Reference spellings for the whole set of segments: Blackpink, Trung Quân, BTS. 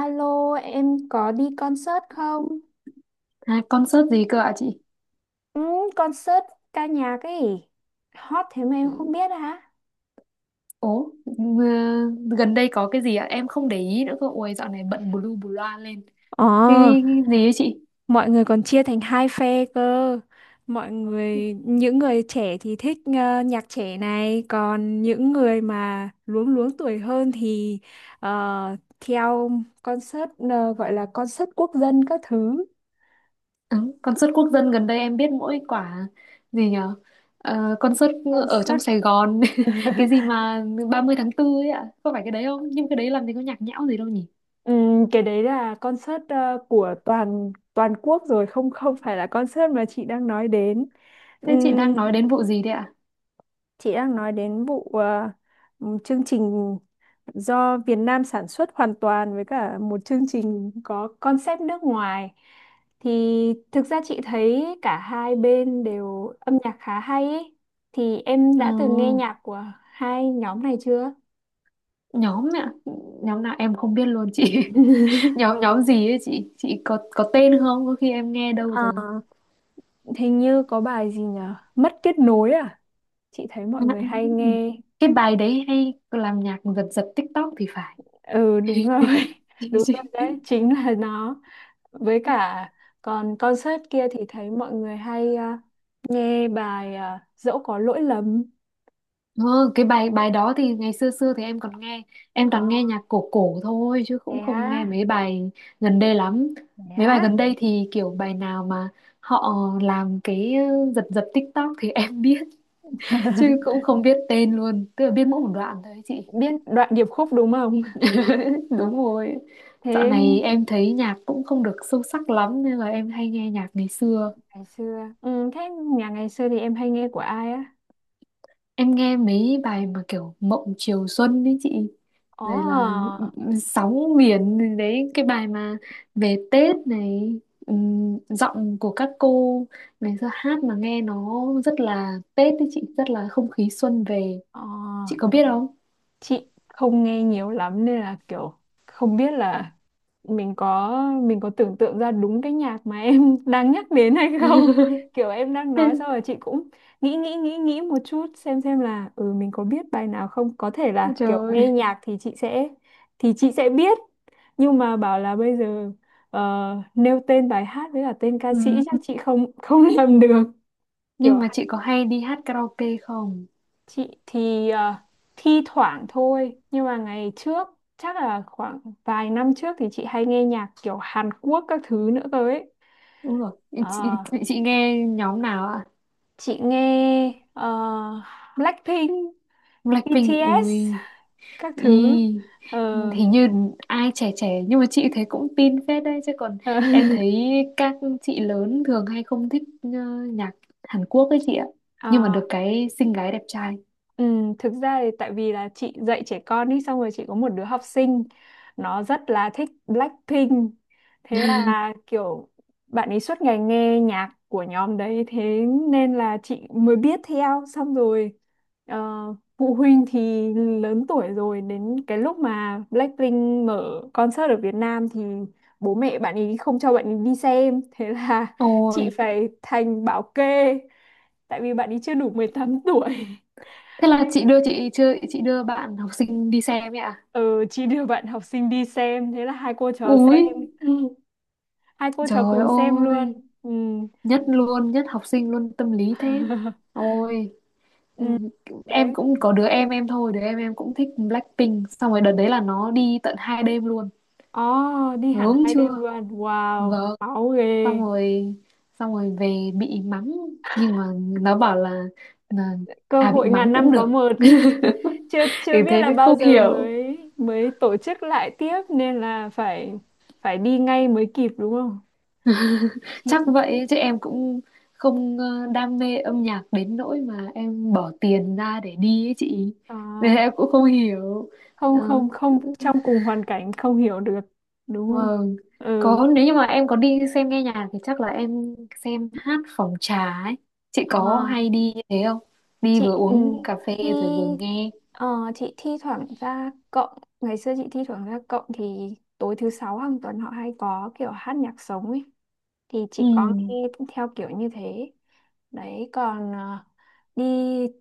Alo, em có đi concert không? À, concert gì cơ ạ chị? Ừ, Concert ca nhạc ấy. Hot thế mà em không Ừ. biết hả? Ố, ừ, gần đây có cái gì ạ? Em không để ý nữa cơ. Ôi, dạo này bận bù lu bù loa lên. Ờ, Cái gì ấy chị? Mọi người còn chia thành hai phe cơ. Mọi người, những người trẻ thì thích nhạc trẻ này, còn những người mà luống luống tuổi hơn thì theo concert, gọi là concert quốc dân các thứ. Ừ, concert quốc dân gần đây em biết mỗi quả gì nhở? Concert ở trong Concert. Sài Gòn. Cái gì mà ba mươi tháng 4 ấy ạ? Có phải cái đấy không? Nhưng cái đấy làm gì có nhạc nhẽo gì đâu nhỉ? Cái đấy là concert của toàn toàn quốc rồi, không không phải là concert mà chị đang nói đến. Thế chị đang Ừm, nói đến vụ gì đấy ạ? chị đang nói đến vụ chương trình do Việt Nam sản xuất hoàn toàn với cả một chương trình có concept nước ngoài, thì thực ra chị thấy cả hai bên đều âm nhạc khá hay ấy. Thì em Ừ, đã từng nghe nhạc của hai nhóm này chưa? nhóm ạ. Nhóm nào em không biết luôn chị. Nhóm nhóm gì ấy chị? Chị có tên không? Có khi em nghe đâu. Ờ, Hình như có bài gì nhở, Mất kết nối à? Chị thấy mọi À, người à, hay nghe. cái bài đấy hay làm nhạc giật giật TikTok thì phải. Ừ, đúng rồi. Đúng rồi, đấy chính là nó. Với cả còn concert kia thì thấy mọi người hay, nghe bài, dẫu có lỗi lầm. Ừ, cái bài bài đó thì ngày xưa xưa thì em còn nghe, em toàn nghe À, nhạc cổ cổ thôi chứ thế cũng không nghe á? mấy bài gần đây lắm. Thế Mấy bài á? gần đây thì kiểu bài nào mà họ làm cái giật giật TikTok thì em biết, chứ cũng không biết tên luôn, tức là biết mỗi một đoạn thôi ấy chị. Biết đoạn điệp khúc đúng không? Đúng rồi. Dạo Thế này em thấy nhạc cũng không được sâu sắc lắm nên là em hay nghe nhạc ngày xưa. ngày xưa, ừ, thế nhà ngày xưa thì em hay nghe của ai á? Em nghe mấy bài mà kiểu Mộng Chiều Xuân đấy chị. Ồ. Rồi là, ừ, Sóng Biển Đấy, cái bài mà về Tết này, giọng của các cô ngày xưa hát mà nghe nó rất là Tết đấy chị. Rất là không khí xuân về. Ồ, Chị có biết không? chị không nghe nhiều lắm nên là kiểu không biết là mình có, mình có tưởng tượng ra đúng cái nhạc mà em đang nhắc đến hay không. Kiểu em đang nói xong rồi chị cũng nghĩ nghĩ nghĩ nghĩ một chút xem là ừ mình có biết bài nào không, có thể là Trời kiểu nghe ơi. nhạc thì chị sẽ, thì chị sẽ biết, nhưng mà bảo là bây giờ nêu tên bài hát với cả tên ca sĩ Ừm, chắc chị không không làm được. Nhưng Kiểu mà chị có hay đi hát karaoke không? chị thì thi thoảng thôi, nhưng mà ngày trước chắc là khoảng vài năm trước thì chị hay nghe nhạc kiểu Hàn Quốc các thứ nữa cơ ấy. Đúng rồi. Ờ, Chị nghe nhóm nào ạ? chị nghe Blackpink, Blackpink. BTS Ui. các Ừ, thứ. Ờ, hình như ai trẻ trẻ, nhưng mà chị thấy cũng tin phết đấy chứ, còn ờ, em thấy các chị lớn thường hay không thích nhạc Hàn Quốc ấy chị ạ, nhưng mà ờ. được cái xinh gái đẹp trai. Ừ, thực ra thì tại vì là chị dạy trẻ con đi, xong rồi chị có một đứa học sinh nó rất là thích Blackpink, thế là kiểu bạn ấy suốt ngày nghe nhạc của nhóm đấy, thế nên là chị mới biết theo. Xong rồi ờ, phụ huynh thì lớn tuổi rồi, đến cái lúc mà Blackpink mở concert ở Việt Nam thì bố mẹ bạn ấy không cho bạn ấy đi xem, thế là Ôi, chị phải thành bảo kê tại vì bạn ấy chưa đủ 18 tuổi. thế là chị đưa, chị chưa, chị đưa bạn học sinh đi xem ấy ạ? Ừ, chị đưa bạn học sinh đi xem, thế là hai cô trò Ui xem. Ừ, hai cô trò trời cùng xem luôn. ơi, Ừ. nhất luôn, nhất học sinh luôn, tâm lý thế. Ôi. Ừ, Ừ. em Đấy. cũng có đứa em thôi, đứa em cũng thích Blackpink, xong rồi đợt đấy là nó đi tận 2 đêm luôn. Oh, đi hẳn Ngưỡng hai đêm chưa? luôn, wow Vâng. máu Xong ghê. rồi, xong rồi về bị mắng, nhưng mà nó bảo là, Cơ à, bị hội ngàn mắng năm cũng có được. một. chưa Thì chưa biết thế là mới không bao giờ hiểu. mới mới tổ chức lại tiếp nên là phải, phải đi ngay mới kịp đúng không chị? Chắc vậy chứ em cũng không đam mê âm nhạc đến nỗi mà em bỏ tiền ra để đi ấy chị, nên À, em cũng không hiểu. không Ờ, không không trong cùng hoàn cảnh không hiểu được đúng không? vâng, Ừ. có, nếu như mà em có đi xem nghe nhạc thì chắc là em xem hát phòng trà ấy. Chị có À. hay đi như thế không? Đi vừa Chị, ừ, uống cà phê thi, rồi vừa nghe. ờ, chị thi thoảng ra cộng, ngày xưa chị thi thoảng ra cộng thì tối thứ sáu hàng tuần họ hay có kiểu hát nhạc sống ấy, thì Ừ. chị có nghe theo kiểu như thế. Đấy còn đi,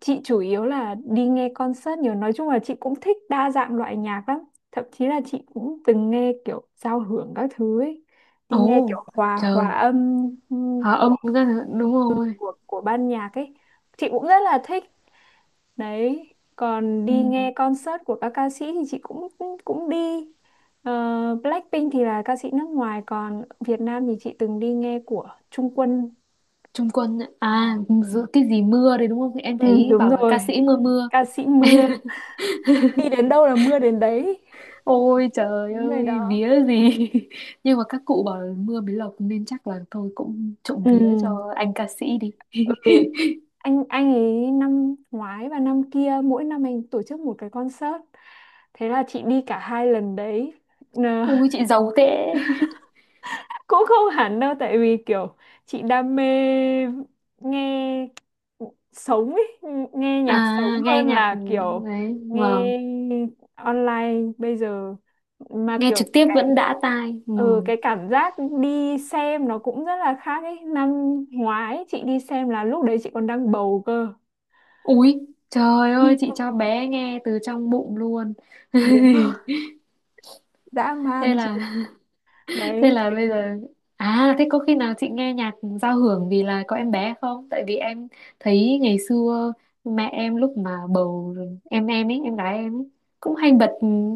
chị chủ yếu là đi nghe concert nhiều, nói chung là chị cũng thích đa dạng loại nhạc lắm, thậm chí là chị cũng từng nghe kiểu giao hưởng các thứ ấy, đi Ồ. nghe kiểu hòa hòa Trời. âm, ừ, Hả, của ông đúng rồi. của ban nhạc ấy, chị cũng rất là thích. Đấy, còn Ừ, đi nghe concert của các ca sĩ thì chị cũng cũng cũng đi. Ờ, Blackpink thì là ca sĩ nước ngoài, còn Việt Nam thì chị từng đi nghe của Trung Quân. Trung Quân ạ. Ờ. À, giữa cái gì mưa đấy đúng không, em Ừ, thấy đúng bảo là ca rồi, sĩ mưa mưa. ca sĩ mưa. Đi đến đâu là mưa đến đấy. Ôi trời Những người ơi, đó. vía gì. Nhưng mà các cụ bảo là mưa mới lộc, nên chắc là tôi cũng trộm Ừ. vía cho anh ca sĩ đi. Ừ. Anh ấy năm ngoái và năm kia mỗi năm anh tổ chức một cái concert. Thế là chị đi cả hai lần đấy. Ui, chị giàu thế. Cũng không hẳn đâu, tại vì kiểu chị đam mê nghe sống ấy, nghe nhạc sống À, nghe hơn nhạc. là kiểu Đấy, vâng, nghe online bây giờ, mà nghe kiểu trực tiếp cái, vẫn đã tai, ừ, vâng. cái cảm giác đi xem nó cũng rất là khác ấy. Năm ngoái chị đi xem là lúc đấy chị còn đang bầu cơ. Ui trời ơi, chị cho bé nghe từ trong bụng luôn. Đúng rồi, dã Thế man là, rồi. Thế Đấy là thế. bây giờ, à, thế có khi nào chị nghe nhạc giao hưởng vì là có em bé không? Tại vì em thấy ngày xưa mẹ em lúc mà bầu em ấy, em gái em ấy, cũng hay bật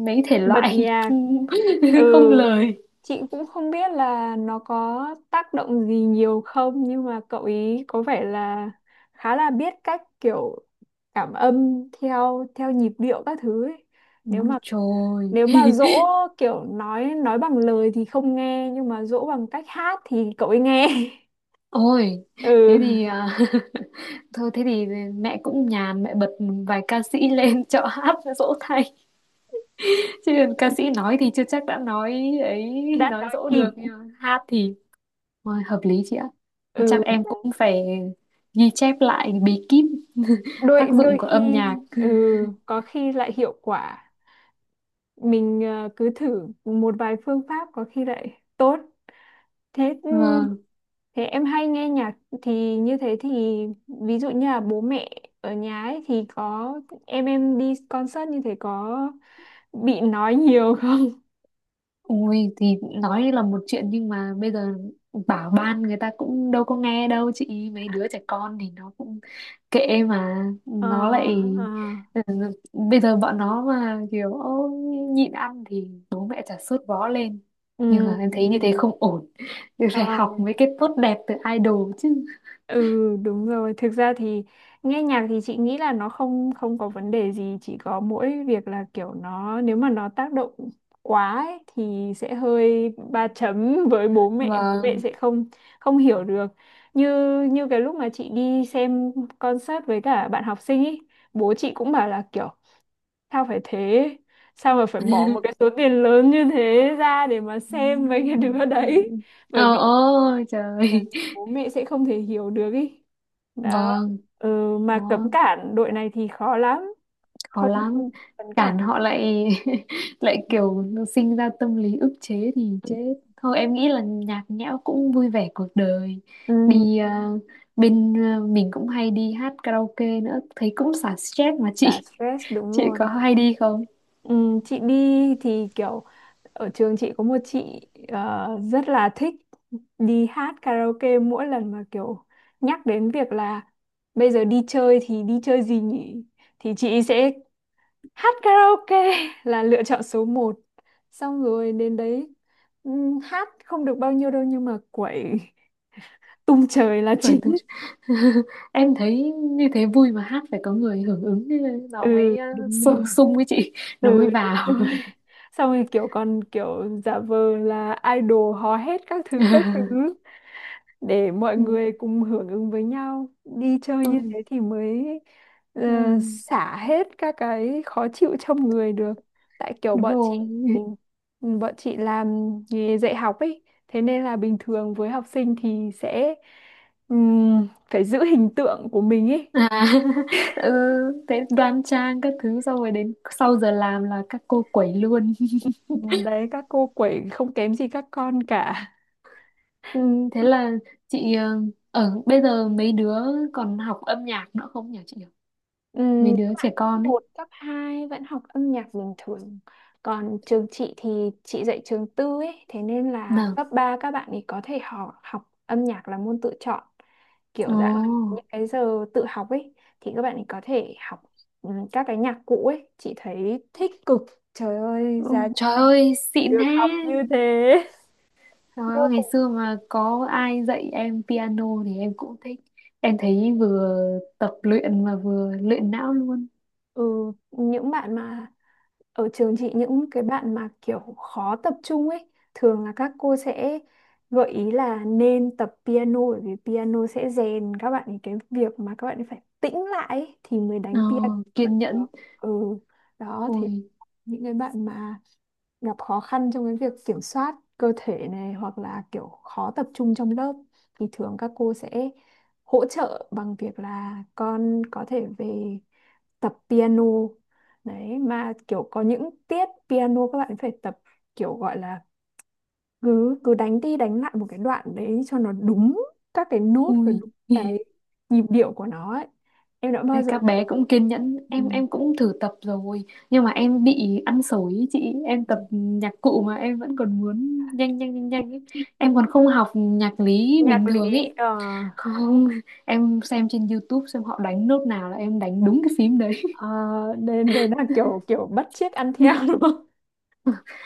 mấy thể Bật loại nhạc, không ừ. lời. Chị cũng không biết là nó có tác động gì nhiều không, nhưng mà cậu ý có vẻ là khá là biết cách kiểu cảm âm theo theo nhịp điệu các thứ ấy. Nếu Ôi mà, trời. nếu mà dỗ kiểu nói bằng lời thì không nghe, nhưng mà dỗ bằng cách hát thì cậu ấy nghe. Ôi, thế Ừ, thì à, thôi thế thì mẹ cũng nhàn, mẹ bật vài ca sĩ lên cho hát dỗ thay. Chứ ca sĩ nói thì chưa chắc đã nói ấy, đã nói nói dỗ kịp. được, nhưng mà hát thì, ôi, hợp lý chị ạ. Thì chắc Ừ, em cũng phải ghi chép lại bí kíp đôi tác dụng đôi của khi, âm nhạc. ừ, có khi lại hiệu quả. Mình cứ thử một vài phương pháp có khi lại tốt. Thế, ừ, Vâng. thế em hay nghe nhạc thì như thế thì ví dụ như là bố mẹ ở nhà ấy thì có, em đi concert như thế có bị nói nhiều không? Ui thì nói là một chuyện, nhưng mà bây giờ bảo ban người ta cũng đâu có nghe đâu chị. Mấy đứa trẻ con thì nó cũng kệ, mà Ờ, nó lại, ờ, ừ, bây giờ bọn nó mà kiểu "Ô, nhịn ăn" thì bố mẹ chả sốt vó lên. ừ, Nhưng mà em thấy như ừ, thế không ổn. ờ. Phải học mấy cái tốt đẹp từ idol chứ. Ừ đúng rồi, thực ra thì nghe nhạc thì chị nghĩ là nó không không có vấn đề gì, chỉ có mỗi việc là kiểu nó, nếu mà nó tác động quá ấy, thì sẽ hơi ba chấm với bố mẹ Vâng. sẽ không không hiểu được. Như, như cái lúc mà chị đi xem concert với cả bạn học sinh ấy, bố chị cũng bảo là kiểu sao phải thế, sao mà phải bỏ một cái số tiền lớn như thế ra để mà xem mấy cái đứa đấy. ừ. Bởi Ờ vì, ôi bởi trời. vì bố mẹ sẽ không thể hiểu được ý đó. Vâng. Ừ, mà Khó, cấm cản đội này thì khó lắm, khó không không lắm cấm cản. cản họ lại. Lại Ừ. kiểu sinh ra tâm lý ức chế thì chết thôi. Em nghĩ là nhạc nhẽo cũng vui vẻ cuộc đời, Ừ, đi, à, bên, à, mình cũng hay đi hát karaoke nữa, thấy cũng xả stress mà xả chị. stress đúng Chị rồi. có hay đi không? Ừ, chị đi thì kiểu ở trường chị có một chị rất là thích đi hát karaoke, mỗi lần mà kiểu nhắc đến việc là bây giờ đi chơi thì đi chơi gì nhỉ thì chị sẽ hát karaoke là lựa chọn số một, xong rồi đến đấy hát không được bao nhiêu đâu nhưng mà quẩy tung trời là Bởi chính. từ... em thấy như thế vui mà, hát phải có người hưởng ứng nó Ừ mới, à, đúng rồi, sung với chị, nó ừ mới vào. đúng rồi. Xong rồi kiểu còn kiểu giả vờ là idol hò hét các thứ để mọi Ừ, người cùng hưởng ứng với nhau, đi chơi tôi, như thế thì mới ờ, ừ, xả hết các cái khó chịu trong người được. Tại kiểu đúng bọn, rồi. ừ, bọn chị làm nghề dạy học ấy, thế nên là bình thường với học sinh thì sẽ phải giữ hình tượng của mình ấy. À. Ừ, thế đoan trang các thứ, xong rồi đến sau giờ làm là các cô quẩy luôn. Đấy, các cô quẩy không kém gì các con cả. Ừ, thế là chị ở bây giờ mấy đứa còn học âm nhạc nữa không nhỉ chị nhỉ, mấy Ừm, đứa trẻ Cấp con ấy? một cấp 2 vẫn học âm nhạc bình thường. Còn trường chị thì chị dạy trường tư ấy, thế nên là Nào. cấp 3 các bạn ấy có thể học học âm nhạc là môn tự chọn. Kiểu dạng là Ồ. những cái giờ tự học ấy thì các bạn ấy có thể học, ừ, các cái nhạc cụ ấy, chị thấy thích cực. Trời ơi, Ừ, giá nhà trời ơi xịn được thế. học như thế. Trời Vô ơi, ngày cùng. xưa mà có ai dạy em piano thì em cũng thích. Em thấy vừa tập luyện mà vừa luyện não luôn. Ừ, những bạn mà ở trường chị, những cái bạn mà kiểu khó tập trung ấy thường là các cô sẽ gợi ý là nên tập piano, bởi vì piano sẽ rèn các bạn ấy cái việc mà các bạn ấy phải tĩnh lại ấy, thì mới Ờ, đánh piano vẫn kiên được. nhẫn. Ừ, đó thế, Ôi. những cái bạn mà gặp khó khăn trong cái việc kiểm soát cơ thể này, hoặc là kiểu khó tập trung trong lớp, thì thường các cô sẽ hỗ trợ bằng việc là con có thể về tập piano. Đấy, mà kiểu có những tiết piano các bạn phải tập, kiểu gọi là cứ cứ đánh đi đánh lại một cái đoạn đấy cho nó đúng các cái nốt và Ui. đúng cái nhịp điệu của nó ấy. Em đã bao giờ. Các bé cũng kiên nhẫn, Ừ. Em cũng thử tập rồi, nhưng mà em bị ăn xổi ý chị, em tập nhạc cụ mà em vẫn còn muốn nhanh nhanh nhanh nhanh ấy. Em còn không học nhạc lý Nhạc bình thường lý, ấy, không, em xem trên YouTube xem họ đánh nốt nào là em đánh đúng cái phím đấy. à, đấy, đấy là kiểu kiểu bắt chước ăn theo đúng không?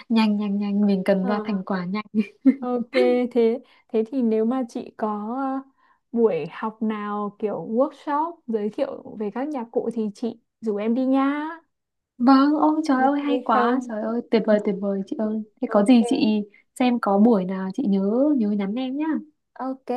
Nhanh nhanh nhanh, mình cần Ờ, ra thành quả nhanh. ok, thế, thế thì nếu mà chị có ờ, buổi học nào kiểu workshop giới thiệu về các nhạc cụ thì chị rủ em đi nha. Vâng, ôi trời Ok ơi hay quá, không? trời ơi tuyệt Ừ, vời, tuyệt vời chị ừ, ơi, thế có Ok. gì chị xem có buổi nào chị nhớ nhớ nhắn em nhá. Ok.